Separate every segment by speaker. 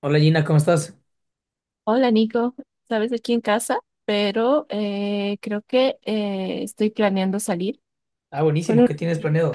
Speaker 1: Hola Gina, ¿cómo estás?
Speaker 2: Hola Nico, sabes aquí en casa, pero creo que estoy planeando salir
Speaker 1: Ah,
Speaker 2: con
Speaker 1: buenísimo,
Speaker 2: unas
Speaker 1: ¿qué tienes
Speaker 2: amigas.
Speaker 1: planeado?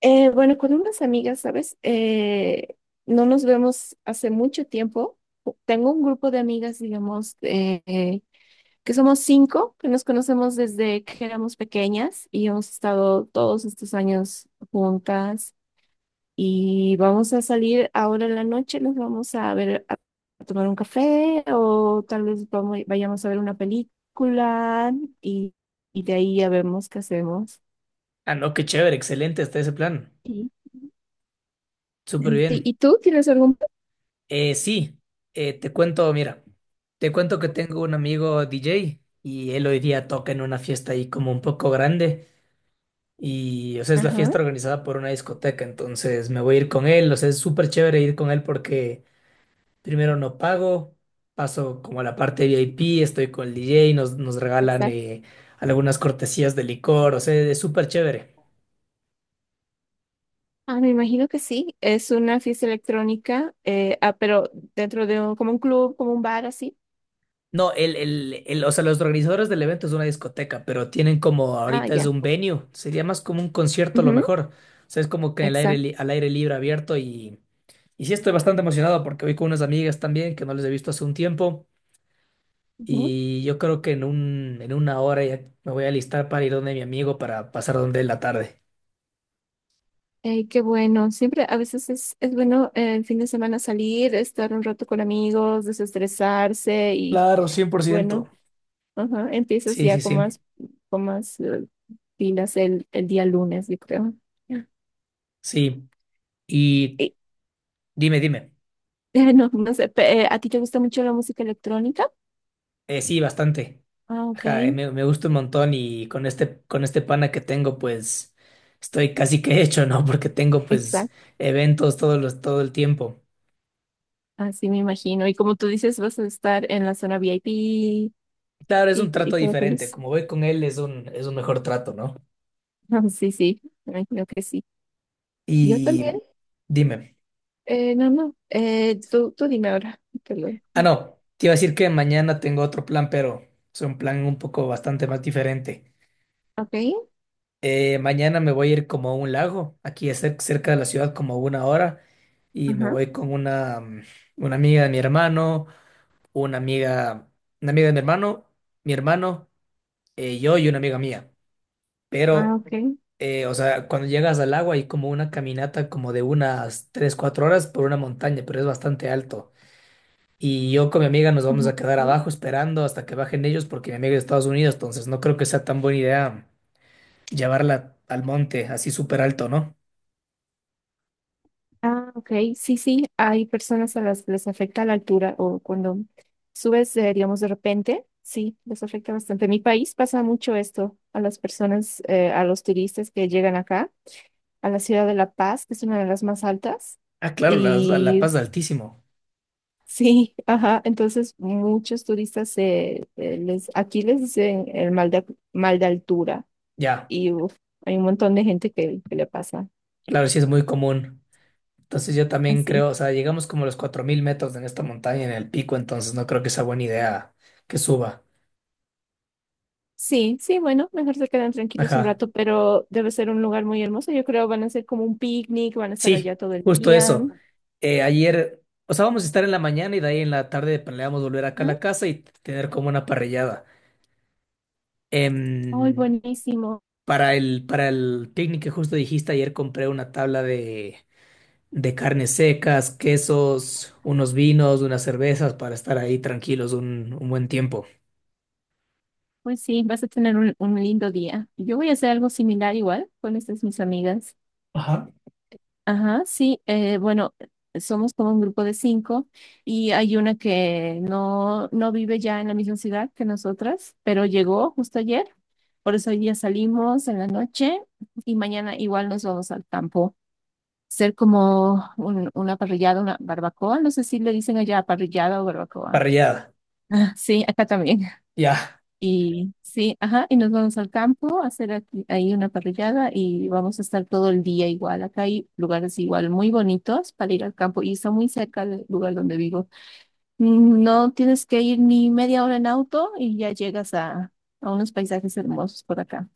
Speaker 2: Bueno, con unas amigas, ¿sabes? No nos vemos hace mucho tiempo. Tengo un grupo de amigas, digamos, que somos cinco, que nos conocemos desde que éramos pequeñas y hemos estado todos estos años juntas. Y vamos a salir ahora en la noche, nos vamos a ver a tomar un café o tal vez vayamos a ver una película y, y de ahí ya vemos qué hacemos.
Speaker 1: Ah, no, qué chévere, excelente está ese plan.
Speaker 2: Sí.
Speaker 1: Súper
Speaker 2: Sí, ¿y
Speaker 1: bien.
Speaker 2: tú tienes algún plan?
Speaker 1: Eh, sí, te cuento, mira, te cuento que tengo un amigo DJ y él hoy día toca en una fiesta ahí como un poco grande y, o sea, es la
Speaker 2: Ajá.
Speaker 1: fiesta organizada por una discoteca, entonces me voy a ir con él. O sea, es súper chévere ir con él porque primero no pago, paso como a la parte VIP, estoy con el DJ, nos regalan
Speaker 2: Exacto.
Speaker 1: algunas cortesías de licor. O sea, es súper chévere.
Speaker 2: Ah, me imagino que sí. Es una fiesta electrónica, pero dentro de un, como un club, como un bar así.
Speaker 1: No, o sea, los organizadores del evento es una discoteca, pero tienen como
Speaker 2: Ah,
Speaker 1: ahorita es
Speaker 2: ya.
Speaker 1: un venue, sería más como un concierto a lo
Speaker 2: Ujú,
Speaker 1: mejor. O sea, es como que
Speaker 2: exacto.
Speaker 1: al aire libre abierto, y sí estoy bastante emocionado porque voy con unas amigas también que no les he visto hace un tiempo, y yo creo que en en una hora ya me voy a alistar para ir donde mi amigo para pasar donde él la tarde.
Speaker 2: Ey, qué bueno. Siempre, a veces es bueno, el fin de semana salir, estar un rato con amigos, desestresarse
Speaker 1: Claro, cien por
Speaker 2: y bueno,
Speaker 1: ciento.
Speaker 2: ajá, empiezas
Speaker 1: Sí,
Speaker 2: ya
Speaker 1: sí, sí.
Speaker 2: con más pilas el día lunes, yo creo. Y,
Speaker 1: Sí. Y dime, dime.
Speaker 2: no, no sé, ¿a ti te gusta mucho la música electrónica?
Speaker 1: Sí, bastante.
Speaker 2: Ah, ok,
Speaker 1: Ajá, me gusta un montón y con este pana que tengo, pues estoy casi que hecho, ¿no? Porque tengo pues
Speaker 2: exacto.
Speaker 1: eventos todo el tiempo.
Speaker 2: Así me imagino. Y como tú dices, vas a estar en la zona VIP
Speaker 1: Claro, es un trato
Speaker 2: y todo
Speaker 1: diferente.
Speaker 2: feliz.
Speaker 1: Como voy con él, es un mejor trato, ¿no?
Speaker 2: Ah, sí, sí, me imagino que sí. Yo
Speaker 1: Y
Speaker 2: también.
Speaker 1: dime.
Speaker 2: No, no. Eh, tú, dime ahora. Perdón.
Speaker 1: Ah, no, te iba a decir que mañana tengo otro plan, pero es un plan un poco bastante más diferente.
Speaker 2: Ok.
Speaker 1: Mañana me voy a ir como a un lago, aquí es cerca de la ciudad, como una hora, y me
Speaker 2: Ajá.
Speaker 1: voy con una, una amiga de mi hermano, una amiga, una amiga de mi hermano, yo y una amiga mía.
Speaker 2: Ah,
Speaker 1: Pero,
Speaker 2: ok.
Speaker 1: o sea, cuando llegas al agua hay como una caminata como de unas 3, 4 horas por una montaña, pero es bastante alto. Y yo con mi amiga nos vamos a
Speaker 2: Ujú.
Speaker 1: quedar abajo esperando hasta que bajen ellos porque mi amiga es de Estados Unidos, entonces no creo que sea tan buena idea llevarla al monte así súper alto, ¿no?
Speaker 2: Ah, ok. Sí, sí. Hay personas a las que les afecta la altura o cuando subes, digamos, de repente. Sí, les afecta bastante. En mi país pasa mucho esto a las personas, a los turistas que llegan acá, a la ciudad de La Paz, que es una de las más altas.
Speaker 1: Ah, claro, la
Speaker 2: Y
Speaker 1: Paz es altísimo.
Speaker 2: sí, ajá. Entonces, muchos turistas aquí les dicen el mal de altura.
Speaker 1: Ya,
Speaker 2: Y uf, hay un montón de gente que le pasa
Speaker 1: claro, sí es muy común. Entonces yo también
Speaker 2: así.
Speaker 1: creo, o sea, llegamos como a los 4000 metros en esta montaña, en el pico, entonces no creo que sea buena idea que suba.
Speaker 2: Sí, sí, bueno, mejor se quedan tranquilos un
Speaker 1: Ajá.
Speaker 2: rato, pero debe ser un lugar muy hermoso. Yo creo van a ser como un picnic, van a estar
Speaker 1: Sí,
Speaker 2: allá todo el
Speaker 1: justo
Speaker 2: día.
Speaker 1: eso. Ayer, o sea, vamos a estar en la mañana y de ahí en la tarde planeamos volver acá a
Speaker 2: Ajá.
Speaker 1: la casa y tener como una parrillada.
Speaker 2: Ay,
Speaker 1: Em,
Speaker 2: buenísimo.
Speaker 1: para para el picnic que justo dijiste, ayer compré una tabla de carnes secas, quesos, unos vinos, unas cervezas para estar ahí tranquilos un buen tiempo.
Speaker 2: Pues sí, vas a tener un lindo día. Yo voy a hacer algo similar igual con estas mis amigas.
Speaker 1: Ajá.
Speaker 2: Ajá, sí, bueno, somos como un grupo de cinco y hay una que no, no vive ya en la misma ciudad que nosotras, pero llegó justo ayer. Por eso hoy día salimos en la noche y mañana igual nos vamos al campo. Ser como una parrillada, una barbacoa. No sé si le dicen allá parrillada o barbacoa.
Speaker 1: Parrillada.
Speaker 2: Ah, sí, acá también.
Speaker 1: Ya.
Speaker 2: Y sí, ajá, y nos vamos al campo a hacer ahí una parrillada y vamos a estar todo el día igual. Acá hay lugares igual muy bonitos para ir al campo y está muy cerca del lugar donde vivo. No tienes que ir ni media hora en auto y ya llegas a unos paisajes hermosos por acá.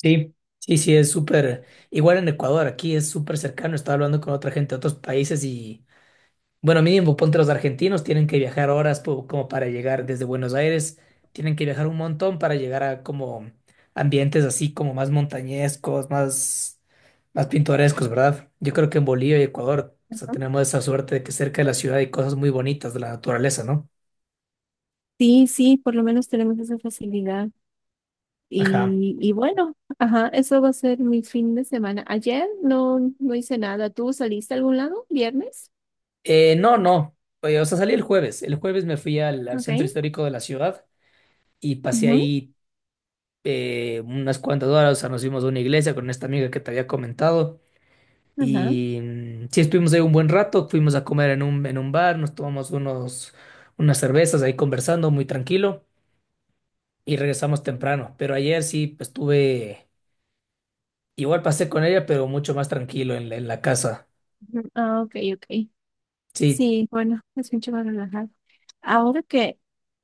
Speaker 1: Sí, sí, sí, es súper, igual en Ecuador, aquí es súper cercano, estaba hablando con otra gente de otros países y, bueno, mínimo, ponte los argentinos, tienen que viajar como para llegar desde Buenos Aires, tienen que viajar un montón para llegar a como ambientes así como más montañescos, más, más pintorescos, ¿verdad? Yo creo que en Bolivia y Ecuador, o sea, tenemos esa suerte de que cerca de la ciudad hay cosas muy bonitas de la naturaleza, ¿no?
Speaker 2: Sí, sí, por lo menos tenemos esa facilidad.
Speaker 1: Ajá.
Speaker 2: Y bueno, ajá, eso va a ser mi fin de semana. Ayer no, no hice nada. ¿Tú saliste a algún lado? ¿Viernes?
Speaker 1: No, no. Oye, o sea, salí el jueves. El jueves me fui al
Speaker 2: Ok.
Speaker 1: centro histórico de la ciudad y pasé
Speaker 2: Ujú,
Speaker 1: ahí unas cuantas horas. O sea, nos fuimos a una iglesia con esta amiga que te había comentado
Speaker 2: ajá.
Speaker 1: y sí estuvimos ahí un buen rato, fuimos a comer en un bar, nos tomamos unos, unas cervezas ahí conversando muy tranquilo y regresamos temprano, pero ayer sí pues, estuve, igual pasé con ella, pero mucho más tranquilo en la casa.
Speaker 2: Ujú. Ah, ok, ok.
Speaker 1: Sí,
Speaker 2: Sí, bueno, es mucho más relajado. Ahora que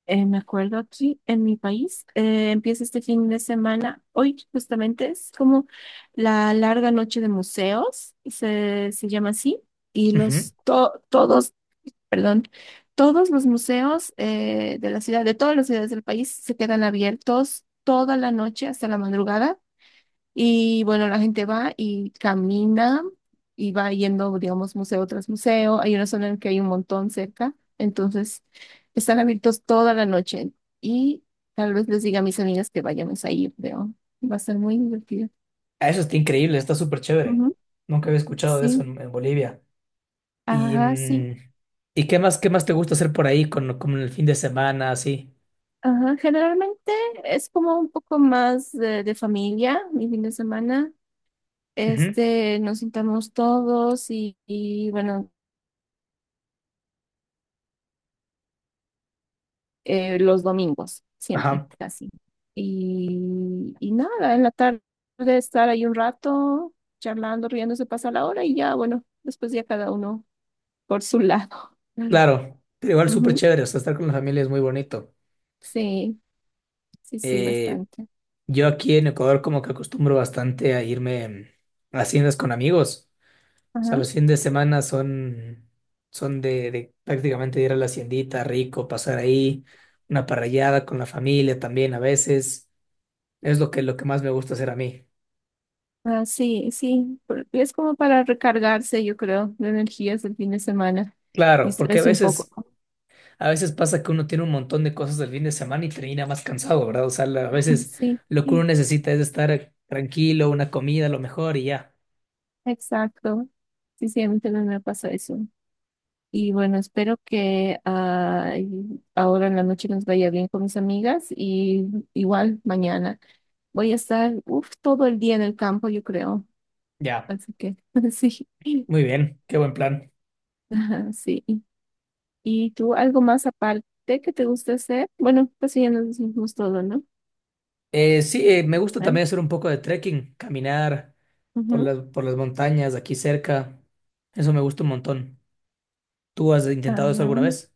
Speaker 2: me acuerdo aquí en mi país, empieza este fin de semana. Hoy justamente es como la larga noche de museos, se llama así. Y
Speaker 1: ujú.
Speaker 2: los to- todos perdón, todos los museos, de la ciudad, de todas las ciudades del país, se quedan abiertos toda la noche hasta la madrugada. Y bueno, la gente va y camina y va yendo, digamos, museo tras museo. Hay una zona en que hay un montón cerca, entonces están abiertos toda la noche. Y tal vez les diga a mis amigas que vayamos a ir, pero va a ser muy divertido.
Speaker 1: Ah, eso está increíble, está súper chévere.
Speaker 2: Ujú,
Speaker 1: Nunca había escuchado de eso
Speaker 2: sí,
Speaker 1: en Bolivia. Y,
Speaker 2: ajá, sí.
Speaker 1: ¿y qué más te gusta hacer por ahí con el fin de semana, así?
Speaker 2: Ajá, generalmente es como un poco más de familia, mi fin de semana.
Speaker 1: Ujú,
Speaker 2: Este, nos sentamos todos y, bueno, los domingos, siempre,
Speaker 1: ajá,
Speaker 2: casi. Y nada, en la tarde estar ahí un rato, charlando, riéndose, pasa la hora y ya, bueno, después ya cada uno por su lado.
Speaker 1: claro, pero igual súper
Speaker 2: Ujú,
Speaker 1: chévere, o sea, estar con la familia es muy bonito.
Speaker 2: sí, sí,
Speaker 1: Eh,
Speaker 2: bastante.
Speaker 1: yo aquí en Ecuador como que acostumbro bastante a irme a haciendas con amigos. O sea, los fines de semana son, son de prácticamente ir a la haciendita, rico, pasar ahí, una parrillada con la familia también a veces, es lo que más me gusta hacer a mí.
Speaker 2: Ah, sí, sí, es como para recargarse, yo creo, de energías del fin de semana,
Speaker 1: Claro, porque a
Speaker 2: distraerse un poco.
Speaker 1: veces... A veces pasa que uno tiene un montón de cosas del fin de semana y termina más cansado, ¿verdad? O sea, a veces
Speaker 2: Sí,
Speaker 1: lo que uno
Speaker 2: sí,
Speaker 1: necesita es estar tranquilo, una comida, lo mejor y ya.
Speaker 2: exacto. Sí, sí, a mí también me pasa eso. Y bueno, espero que ah, y ahora en la noche nos vaya bien con mis amigas y igual mañana voy a estar, uf, todo el día en el campo, yo creo.
Speaker 1: Ya,
Speaker 2: Así que sí,
Speaker 1: muy bien, qué buen plan.
Speaker 2: ah, sí. ¿Y tú algo más aparte que te gusta hacer? Bueno, pues sí, ya nos dijimos todo, ¿no?
Speaker 1: Sí, me gusta
Speaker 2: ¿Eh?
Speaker 1: también hacer un poco de trekking, caminar
Speaker 2: Ujú.
Speaker 1: por las montañas aquí cerca. Eso me gusta un montón. ¿Tú has intentado eso alguna
Speaker 2: Ah,
Speaker 1: vez?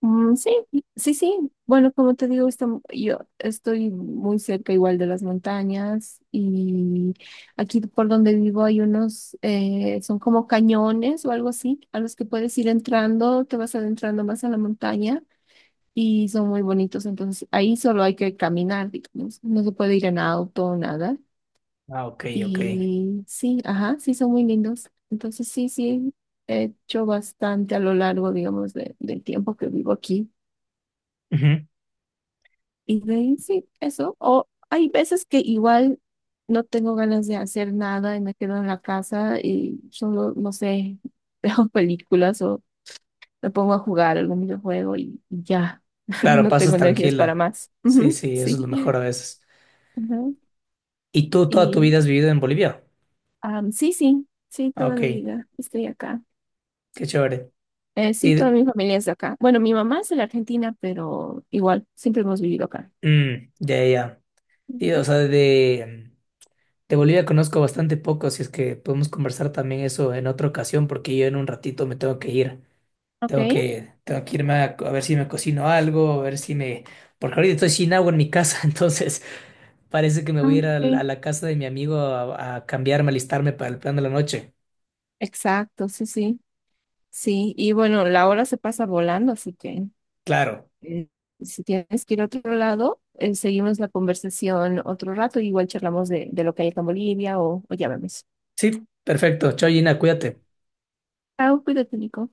Speaker 2: sí, sí, sí. Bueno, como te digo, yo estoy muy cerca igual de las montañas y aquí por donde vivo hay unos, son como cañones o algo así, a los que puedes ir entrando, te vas adentrando más a la montaña y son muy bonitos. Entonces ahí solo hay que caminar, digamos, no se puede ir en auto nada.
Speaker 1: Ah, ok, ok.
Speaker 2: Y sí, ajá, sí, son muy lindos. Entonces sí, sí, he hecho bastante a lo largo, digamos, del tiempo que vivo aquí.
Speaker 1: Ujú.
Speaker 2: Y de ahí sí, eso. O hay veces que igual no tengo ganas de hacer nada y me quedo en la casa y solo, no sé, veo películas o me pongo a jugar algún videojuego y ya.
Speaker 1: Claro,
Speaker 2: No
Speaker 1: pasas
Speaker 2: tengo energías para
Speaker 1: tranquila.
Speaker 2: más.
Speaker 1: Sí,
Speaker 2: Ujú,
Speaker 1: sí, eso es
Speaker 2: sí.
Speaker 1: lo mejor a veces.
Speaker 2: Ujú.
Speaker 1: ¿Y tú toda tu
Speaker 2: Y
Speaker 1: vida has vivido en Bolivia?
Speaker 2: sí, sí, sí,
Speaker 1: Ah, ok,
Speaker 2: toda mi
Speaker 1: qué
Speaker 2: vida estoy acá.
Speaker 1: chévere.
Speaker 2: Sí, toda
Speaker 1: Sí,
Speaker 2: mi familia es de acá. Bueno, mi mamá es de la Argentina, pero igual, siempre hemos vivido acá.
Speaker 1: mm, ya, ya. Sí,
Speaker 2: Ujú.
Speaker 1: o sea, de Bolivia conozco bastante poco, si es que podemos conversar también eso en otra ocasión, porque yo en un ratito me tengo que ir.
Speaker 2: Ok.
Speaker 1: Tengo que irme a, a ver si me cocino algo, a ver si me... Porque ahorita estoy sin agua en mi casa, entonces parece que me voy
Speaker 2: Ah,
Speaker 1: a ir a
Speaker 2: ok.
Speaker 1: la casa de mi amigo a cambiarme, alistarme para el plan de la noche.
Speaker 2: Exacto, sí, sí. Sí, y bueno, la hora se pasa volando, así que
Speaker 1: Claro.
Speaker 2: eh, si tienes que ir a otro lado, seguimos la conversación otro rato, igual charlamos de lo que hay acá en Bolivia o ya vemos.
Speaker 1: Sí, perfecto. Chao, Gina, cuídate.
Speaker 2: Chao, cuídate, Nico.